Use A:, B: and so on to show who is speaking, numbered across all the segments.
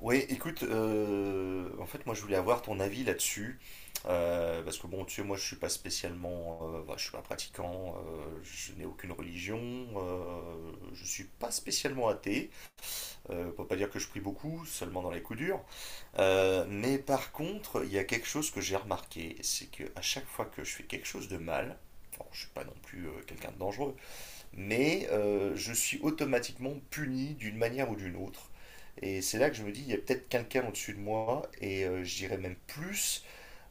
A: Oui, écoute, en fait, moi, je voulais avoir ton avis là-dessus. Parce que bon, tu sais, moi, je suis pas spécialement, je suis pas pratiquant, je n'ai aucune religion, je suis pas spécialement athée. On peut pas dire que je prie beaucoup, seulement dans les coups durs. Mais par contre, il y a quelque chose que j'ai remarqué, c'est que à chaque fois que je fais quelque chose de mal, bon, je suis pas non plus quelqu'un de dangereux, mais je suis automatiquement puni d'une manière ou d'une autre. Et c'est là que je me dis, il y a peut-être quelqu'un au-dessus de moi, et je dirais même plus,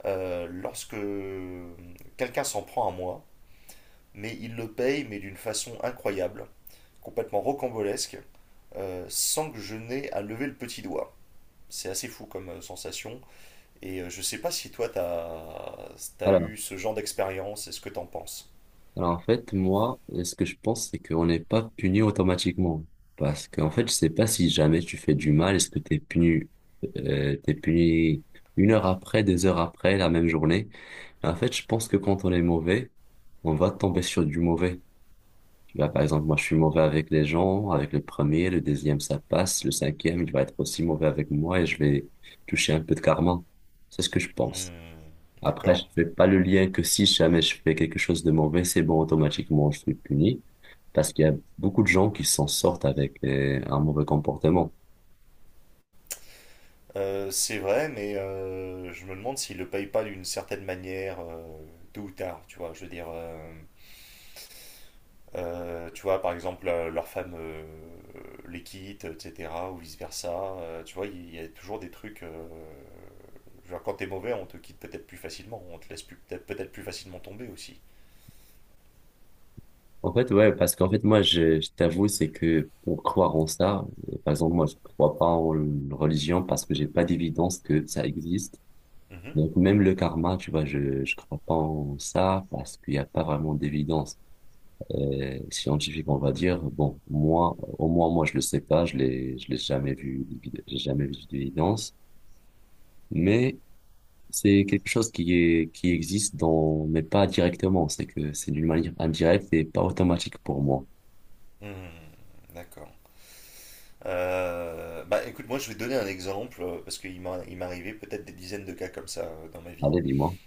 A: lorsque quelqu'un s'en prend à moi, mais il le paye, mais d'une façon incroyable, complètement rocambolesque, sans que je n'aie à lever le petit doigt. C'est assez fou comme sensation, et je sais pas si toi t'as
B: Alors,
A: eu ce genre d'expérience, et ce que t'en penses.
B: alors, en fait, moi, ce que je pense, c'est qu'on n'est pas puni automatiquement. Parce qu'en fait, je sais pas si jamais tu fais du mal, est-ce que t'es puni 1 heure après, 2 heures après, la même journée. En fait, je pense que quand on est mauvais, on va tomber sur du mauvais. Tu vois, par exemple, moi, je suis mauvais avec les gens, avec le premier, le deuxième, ça passe, le cinquième, il va être aussi mauvais avec moi et je vais toucher un peu de karma. C'est ce que je pense.
A: Hmm,
B: Après, je
A: d'accord.
B: fais pas le lien que si jamais je fais quelque chose de mauvais, c'est bon, automatiquement, je suis puni. Parce qu'il y a beaucoup de gens qui s'en sortent avec un mauvais comportement.
A: C'est vrai, mais je me demande s'il le paye pas d'une certaine manière, tôt ou tard, tu vois. Je veux dire, tu vois, par exemple, leur femme les quitte, etc., ou vice-versa. Tu vois, il y a toujours des trucs. Je veux dire, quand t'es mauvais, on te quitte peut-être plus facilement, on te laisse peut-être plus facilement tomber aussi.
B: En fait, ouais, parce qu'en fait, moi, je t'avoue, c'est que pour croire en ça, par exemple, moi, je crois pas en une religion parce que j'ai pas d'évidence que ça existe.
A: Mhm.
B: Donc, même le karma, tu vois, je crois pas en ça parce qu'il y a pas vraiment d'évidence, scientifique, on va dire. Bon, moi, au moins, moi, je le sais pas, je l'ai jamais vu, j'ai jamais vu d'évidence, mais c'est quelque chose qui est, qui existe dans, mais pas directement, c'est que c'est d'une manière indirecte et pas automatique pour moi.
A: Hmm, d'accord. Écoute, moi je vais te donner un exemple, parce il m'est arrivé peut-être des dizaines de cas comme ça dans ma vie.
B: Allez, dis-moi.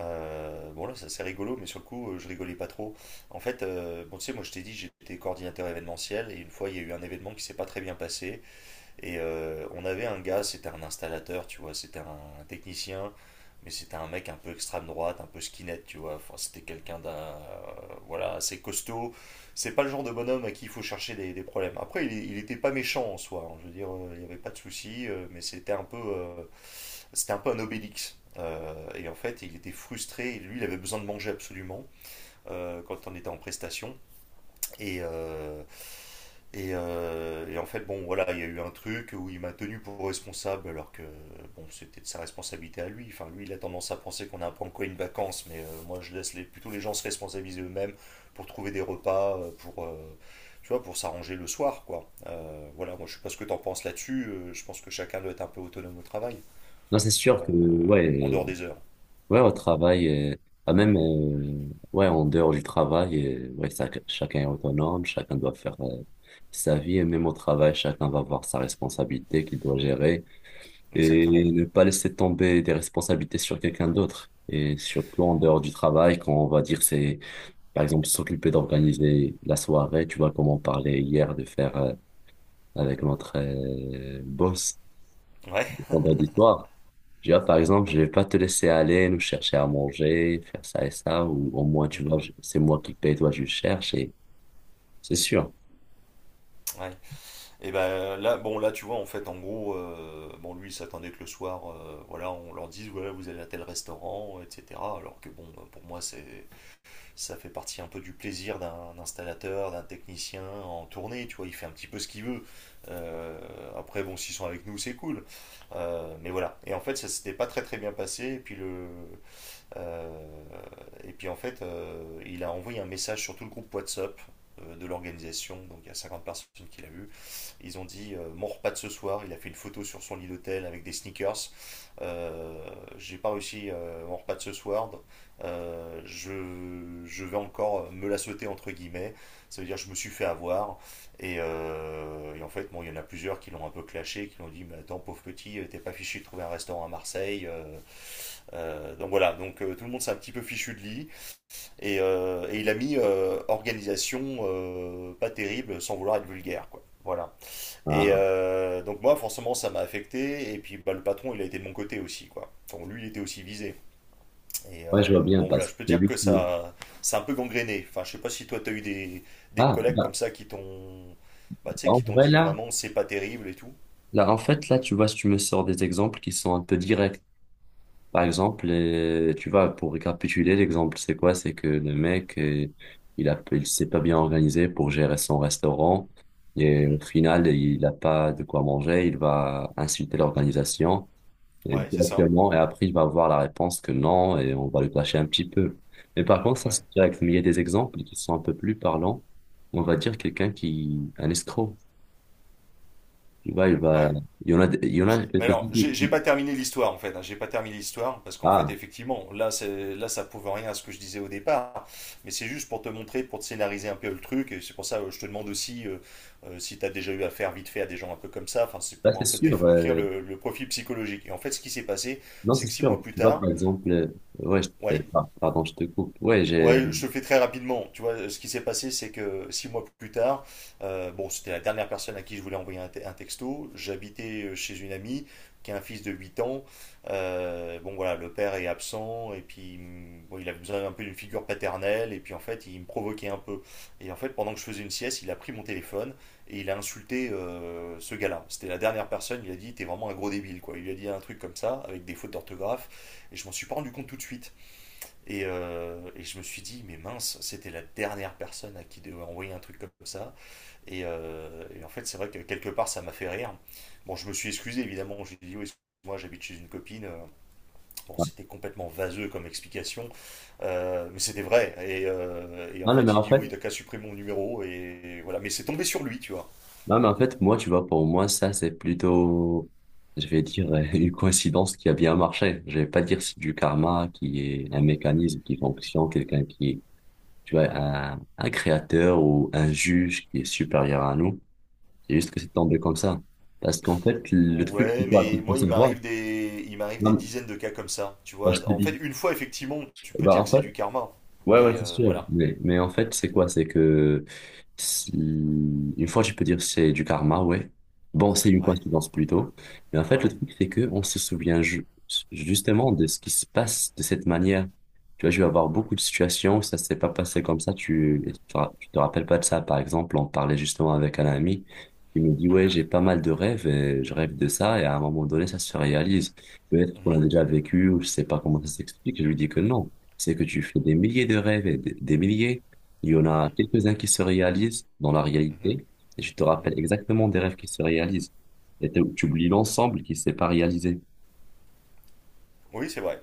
A: Bon là c'est rigolo mais sur le coup je rigolais pas trop. En fait, bon tu sais moi je t'ai dit j'étais coordinateur événementiel et une fois il y a eu un événement qui s'est pas très bien passé et on avait un gars, c'était un installateur, tu vois, c'était un technicien, mais c'était un mec un peu extrême droite, un peu skinhead, tu vois. Enfin, c'était quelqu'un d'un, voilà, assez costaud. C'est pas le genre de bonhomme à qui il faut chercher des problèmes. Après, il était pas méchant en soi, hein. Je veux dire, il n'y avait pas de souci, mais c'était un peu un obélix. Et en fait, il était frustré. Lui, il avait besoin de manger absolument quand on était en prestation. Et, euh, et en fait, bon, voilà, il y a eu un truc où il m'a tenu pour responsable, alors que bon, c'était de sa responsabilité à lui. Enfin, lui, il a tendance à penser qu'on a un peu encore une vacance, mais moi, je laisse plutôt les gens se responsabiliser eux-mêmes pour trouver des repas, tu vois, pour s'arranger le soir, quoi. Voilà, moi, je sais pas ce que t'en penses là-dessus. Je pense que chacun doit être un peu autonome au travail,
B: Non, c'est sûr que,
A: en
B: ouais,
A: dehors des heures.
B: ouais, au travail, euh, bah, même, ouais, en dehors du travail, ouais, chacun est autonome, chacun doit faire, sa vie, et même au travail, chacun va avoir sa responsabilité qu'il doit gérer.
A: Exactement.
B: Et ne pas laisser tomber des responsabilités sur quelqu'un d'autre. Et surtout en dehors du travail, quand on va dire c'est, par exemple, s'occuper d'organiser la soirée, tu vois, comme on parlait hier de faire avec notre boss
A: Ouais.
B: vendredi soir. Tu vois, par exemple, je vais pas te laisser aller, nous chercher à manger, faire ça et ça, ou au moins, tu vois,
A: Mhm.
B: c'est moi qui paye, toi, je cherche, et c'est sûr.
A: Ouais. Et ben là, bon là tu vois en fait en gros, bon lui il s'attendait que le soir, voilà, on leur dise voilà vous allez à tel restaurant, etc. Alors que bon pour moi c'est ça fait partie un peu du plaisir d'un installateur, d'un technicien en tournée, tu vois, il fait un petit peu ce qu'il veut. Euh, Après bon s'ils sont avec nous c'est cool. Mais voilà. Et en fait ça s'était pas très très bien passé. Et puis euh, en fait il a envoyé un message sur tout le groupe WhatsApp de l'organisation, donc il y a 50 personnes qui l'a vu. Ils ont dit mon repas de ce soir, il a fait une photo sur son lit d'hôtel avec des sneakers. Euh, J'ai pas réussi mon repas de ce soir. Je vais encore me la sauter entre guillemets. Ça veut dire je me suis fait avoir. Et en fait, bon, il y en a plusieurs qui l'ont un peu clashé, qui l'ont dit mais attends pauvre petit, t'es pas fichu de trouver un restaurant à Marseille. Donc voilà, donc tout le monde s'est un petit peu fichu de lit. Et il a mis organisation pas terrible sans vouloir être vulgaire quoi. Voilà. Et
B: Ah,
A: donc moi, forcément, ça m'a affecté. Et puis bah, le patron, il a été de mon côté aussi, quoi. Enfin, lui, il était aussi visé. Et
B: ouais, je vois bien,
A: bon, voilà,
B: parce
A: je
B: que
A: peux
B: c'est
A: dire
B: lui
A: que
B: qui...
A: ça, c'est un peu gangréné. Enfin, je sais pas si toi, t'as eu des
B: Ah,
A: collègues comme
B: bah,
A: ça qui t'ont, bah, tu sais,
B: en
A: qui t'ont
B: vrai,
A: dit
B: là,
A: vraiment, c'est pas terrible et tout.
B: là, en fait, là, tu vois, tu me sors des exemples qui sont un peu directs. Par exemple, tu vois, pour récapituler, l'exemple, c'est quoi? C'est que le mec, il s'est pas bien organisé pour gérer son restaurant et au
A: Mhm.
B: final, il n'a pas de quoi manger, il va insulter l'organisation et
A: Ouais, c'est ça.
B: directement et après, il va avoir la réponse que non et on va le clasher un petit peu. Mais par contre, ça,
A: Ouais.
B: c'est direct. Mais il y a des exemples qui sont un peu plus parlants. On va dire quelqu'un, un escroc. Tu vois,
A: Ouais.
B: il y en a
A: Alors,
B: quelques-uns qui,
A: j'ai
B: qui-
A: pas terminé l'histoire en fait, hein. J'ai pas terminé l'histoire parce qu'en fait,
B: Ah,
A: effectivement, c'est là, ça prouve rien à ce que je disais au départ. Mais c'est juste pour te montrer, pour te scénariser un peu le truc. Et c'est pour ça, je te demande aussi si tu as déjà eu affaire vite fait à des gens un peu comme ça. Enfin, c'est
B: là,
A: pour
B: c'est
A: un peu te
B: sûr.
A: décrire le profil psychologique. Et en fait, ce qui s'est passé,
B: Non,
A: c'est
B: c'est
A: que six
B: sûr.
A: mois plus
B: Tu vois,
A: tard,
B: par exemple, ouais,
A: ouais.
B: pardon, je te coupe. Ouais, j'ai.
A: Ouais, je te le fais très rapidement. Tu vois, ce qui s'est passé, c'est que six mois plus tard, bon, c'était la dernière personne à qui je voulais envoyer un texto. J'habitais chez une amie qui a un fils de 8 ans. Bon, voilà, le père est absent et puis bon, il avait besoin un peu d'une figure paternelle. Et puis en fait, il me provoquait un peu. Et en fait, pendant que je faisais une sieste, il a pris mon téléphone et il a insulté ce gars-là. C'était la dernière personne. Il a dit, t'es vraiment un gros débile, quoi. Il lui a dit un truc comme ça, avec des fautes d'orthographe. Et je m'en suis pas rendu compte tout de suite. Et je me suis dit, mais mince, c'était la dernière personne à qui devait envoyer un truc comme ça. Et en fait, c'est vrai que quelque part, ça m'a fait rire. Bon, je me suis excusé, évidemment. J'ai dit, oui, excuse-moi, j'habite chez une copine. Bon,
B: Ah,
A: c'était complètement vaseux comme explication, mais c'était vrai. Et en
B: non, non, mais
A: fait, il
B: en
A: dit,
B: fait,
A: oui, t'as qu'à supprimer mon numéro. Et voilà, mais c'est tombé sur lui, tu vois.
B: moi, tu vois, pour moi, ça, c'est plutôt, je vais dire, une coïncidence qui a bien marché. Je vais pas dire c'est du karma qui est un mécanisme qui fonctionne, quelqu'un qui est, tu vois, un créateur ou un juge qui est supérieur à nous. C'est juste que c'est tombé comme ça. Parce qu'en fait, le truc,
A: Ouais,
B: c'est quoi?
A: mais
B: Il faut
A: moi,
B: savoir.
A: il m'arrive des
B: Non,
A: dizaines de cas comme ça, tu
B: bah, je
A: vois.
B: te
A: En
B: dis.
A: fait, une fois, effectivement, tu peux
B: Bah,
A: dire que
B: en
A: c'est
B: fait,
A: du karma.
B: ouais, ouais,
A: Mais
B: c'est sûr.
A: voilà.
B: Mais en fait, c'est quoi? C'est que une fois, je peux dire c'est du karma, ouais. Bon, c'est une
A: Ouais,
B: coïncidence plutôt. Mais en fait, le
A: ouais.
B: truc, c'est que on se souvient justement de ce qui se passe de cette manière. Tu vois, je vais avoir beaucoup de situations où ça s'est pas passé comme ça. Tu te rappelles pas de ça. Par exemple, on parlait justement avec un ami qui me dit,
A: Mhm,
B: ouais, j'ai pas mal de rêves et je rêve de ça. Et à un moment donné, ça se réalise. Peut-être qu'on l'a
A: mhm,
B: déjà vécu ou je sais pas comment ça s'explique. Je lui dis que non, c'est que tu fais des milliers de rêves et des milliers. Il y en a
A: mhm,
B: quelques-uns qui se réalisent dans la
A: mhm.
B: réalité et tu te
A: Mhm.
B: rappelles exactement des rêves qui se réalisent. Et tu oublies l'ensemble qui ne s'est pas réalisé.
A: Oui, c'est vrai.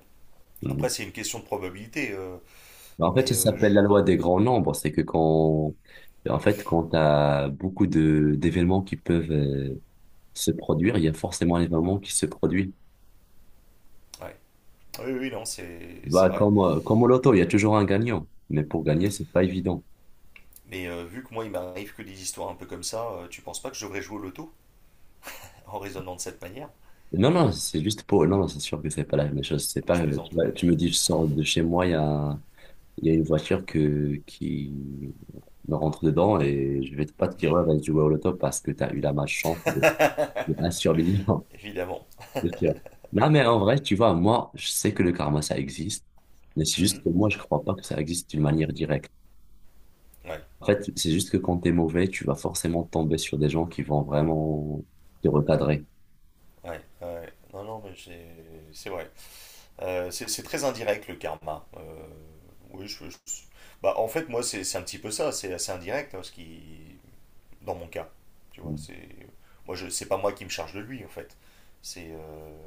B: Mhm.
A: Après, c'est une question de probabilité.
B: En fait, ça
A: Mais
B: s'appelle
A: je.
B: la loi des grands nombres. C'est que quand, en fait, quand tu as beaucoup de d'événements qui peuvent se produire, il y a forcément un événement qui se produit.
A: Ouais. Oui, oui, non, c'est
B: Bah,
A: vrai.
B: comme au loto, il y a toujours un gagnant. Mais pour gagner, c'est pas évident.
A: Mais vu que moi, il m'arrive que des histoires un peu comme ça, tu penses pas que je devrais jouer au loto en raisonnant de cette manière?
B: Non, non, c'est juste pour... Non, non, c'est sûr que c'est pas la même chose. C'est
A: Alors, je
B: pas... Tu
A: plaisante,
B: vois,
A: mais
B: tu me dis, je sors de chez moi, il y a... Il y a une voiture que... qui me rentre dedans et je vais pas te dire, ouais, vas-y jouer au loto parce que tu as eu la malchance de un survivant.
A: évidemment.
B: C'est sûr. Non, mais en vrai, tu vois, moi, je sais que le karma, ça existe. Mais c'est juste
A: Mhm.
B: que moi, je crois pas que ça existe d'une manière directe.
A: Ouais,
B: En fait, c'est juste que quand t'es mauvais, tu vas forcément tomber sur des gens qui vont vraiment te recadrer.
A: ouais, ouais. Non, non, mais c'est vrai. C'est très indirect le karma. Oui, je, je- Bah, en fait, moi, c'est un petit peu ça. C'est assez indirect hein, ce qui, dans mon cas. Tu vois, c'est pas moi qui me charge de lui en fait. C'est euh,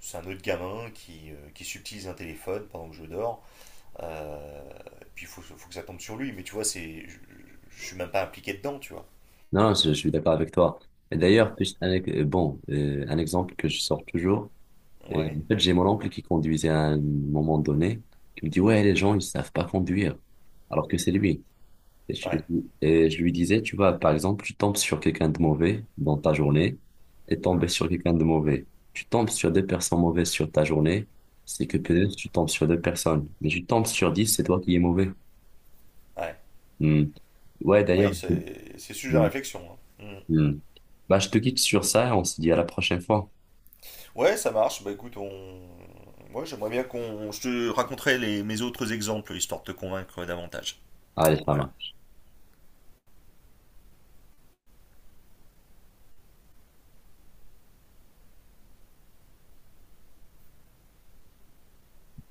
A: c'est un autre gamin qui subtilise un téléphone pendant que je dors. Euh, Puis faut que ça tombe sur lui, mais tu vois, je suis même pas impliqué dedans, tu vois.
B: Non, non, je suis d'accord avec toi. Et d'ailleurs, juste un exemple que je sors toujours.
A: Ouais,
B: En fait, j'ai mon oncle qui conduisait à un moment donné, qui me dit, ouais, les gens, ils savent pas conduire, alors que c'est lui. Et je,
A: ouais,
B: et je lui disais, tu vois, par exemple, tu tombes sur quelqu'un de mauvais dans ta journée et tombes sur quelqu'un de mauvais. Tu tombes sur deux personnes mauvaises sur ta journée, c'est que peut-être tu tombes sur deux personnes. Mais tu tombes sur 10, c'est toi qui es mauvais.
A: ouais.
B: Hmm. Ouais,
A: Oui,
B: d'ailleurs.
A: c'est sujet à réflexion, hein. Mm.
B: Hmm. Bah, je te quitte sur ça et on se dit à la prochaine fois.
A: Ouais, ça marche. Bah écoute, on. Moi, j'aimerais bien qu'on. Je te raconterai mes autres exemples, histoire de te convaincre davantage.
B: Allez, ça
A: Voilà.
B: marche.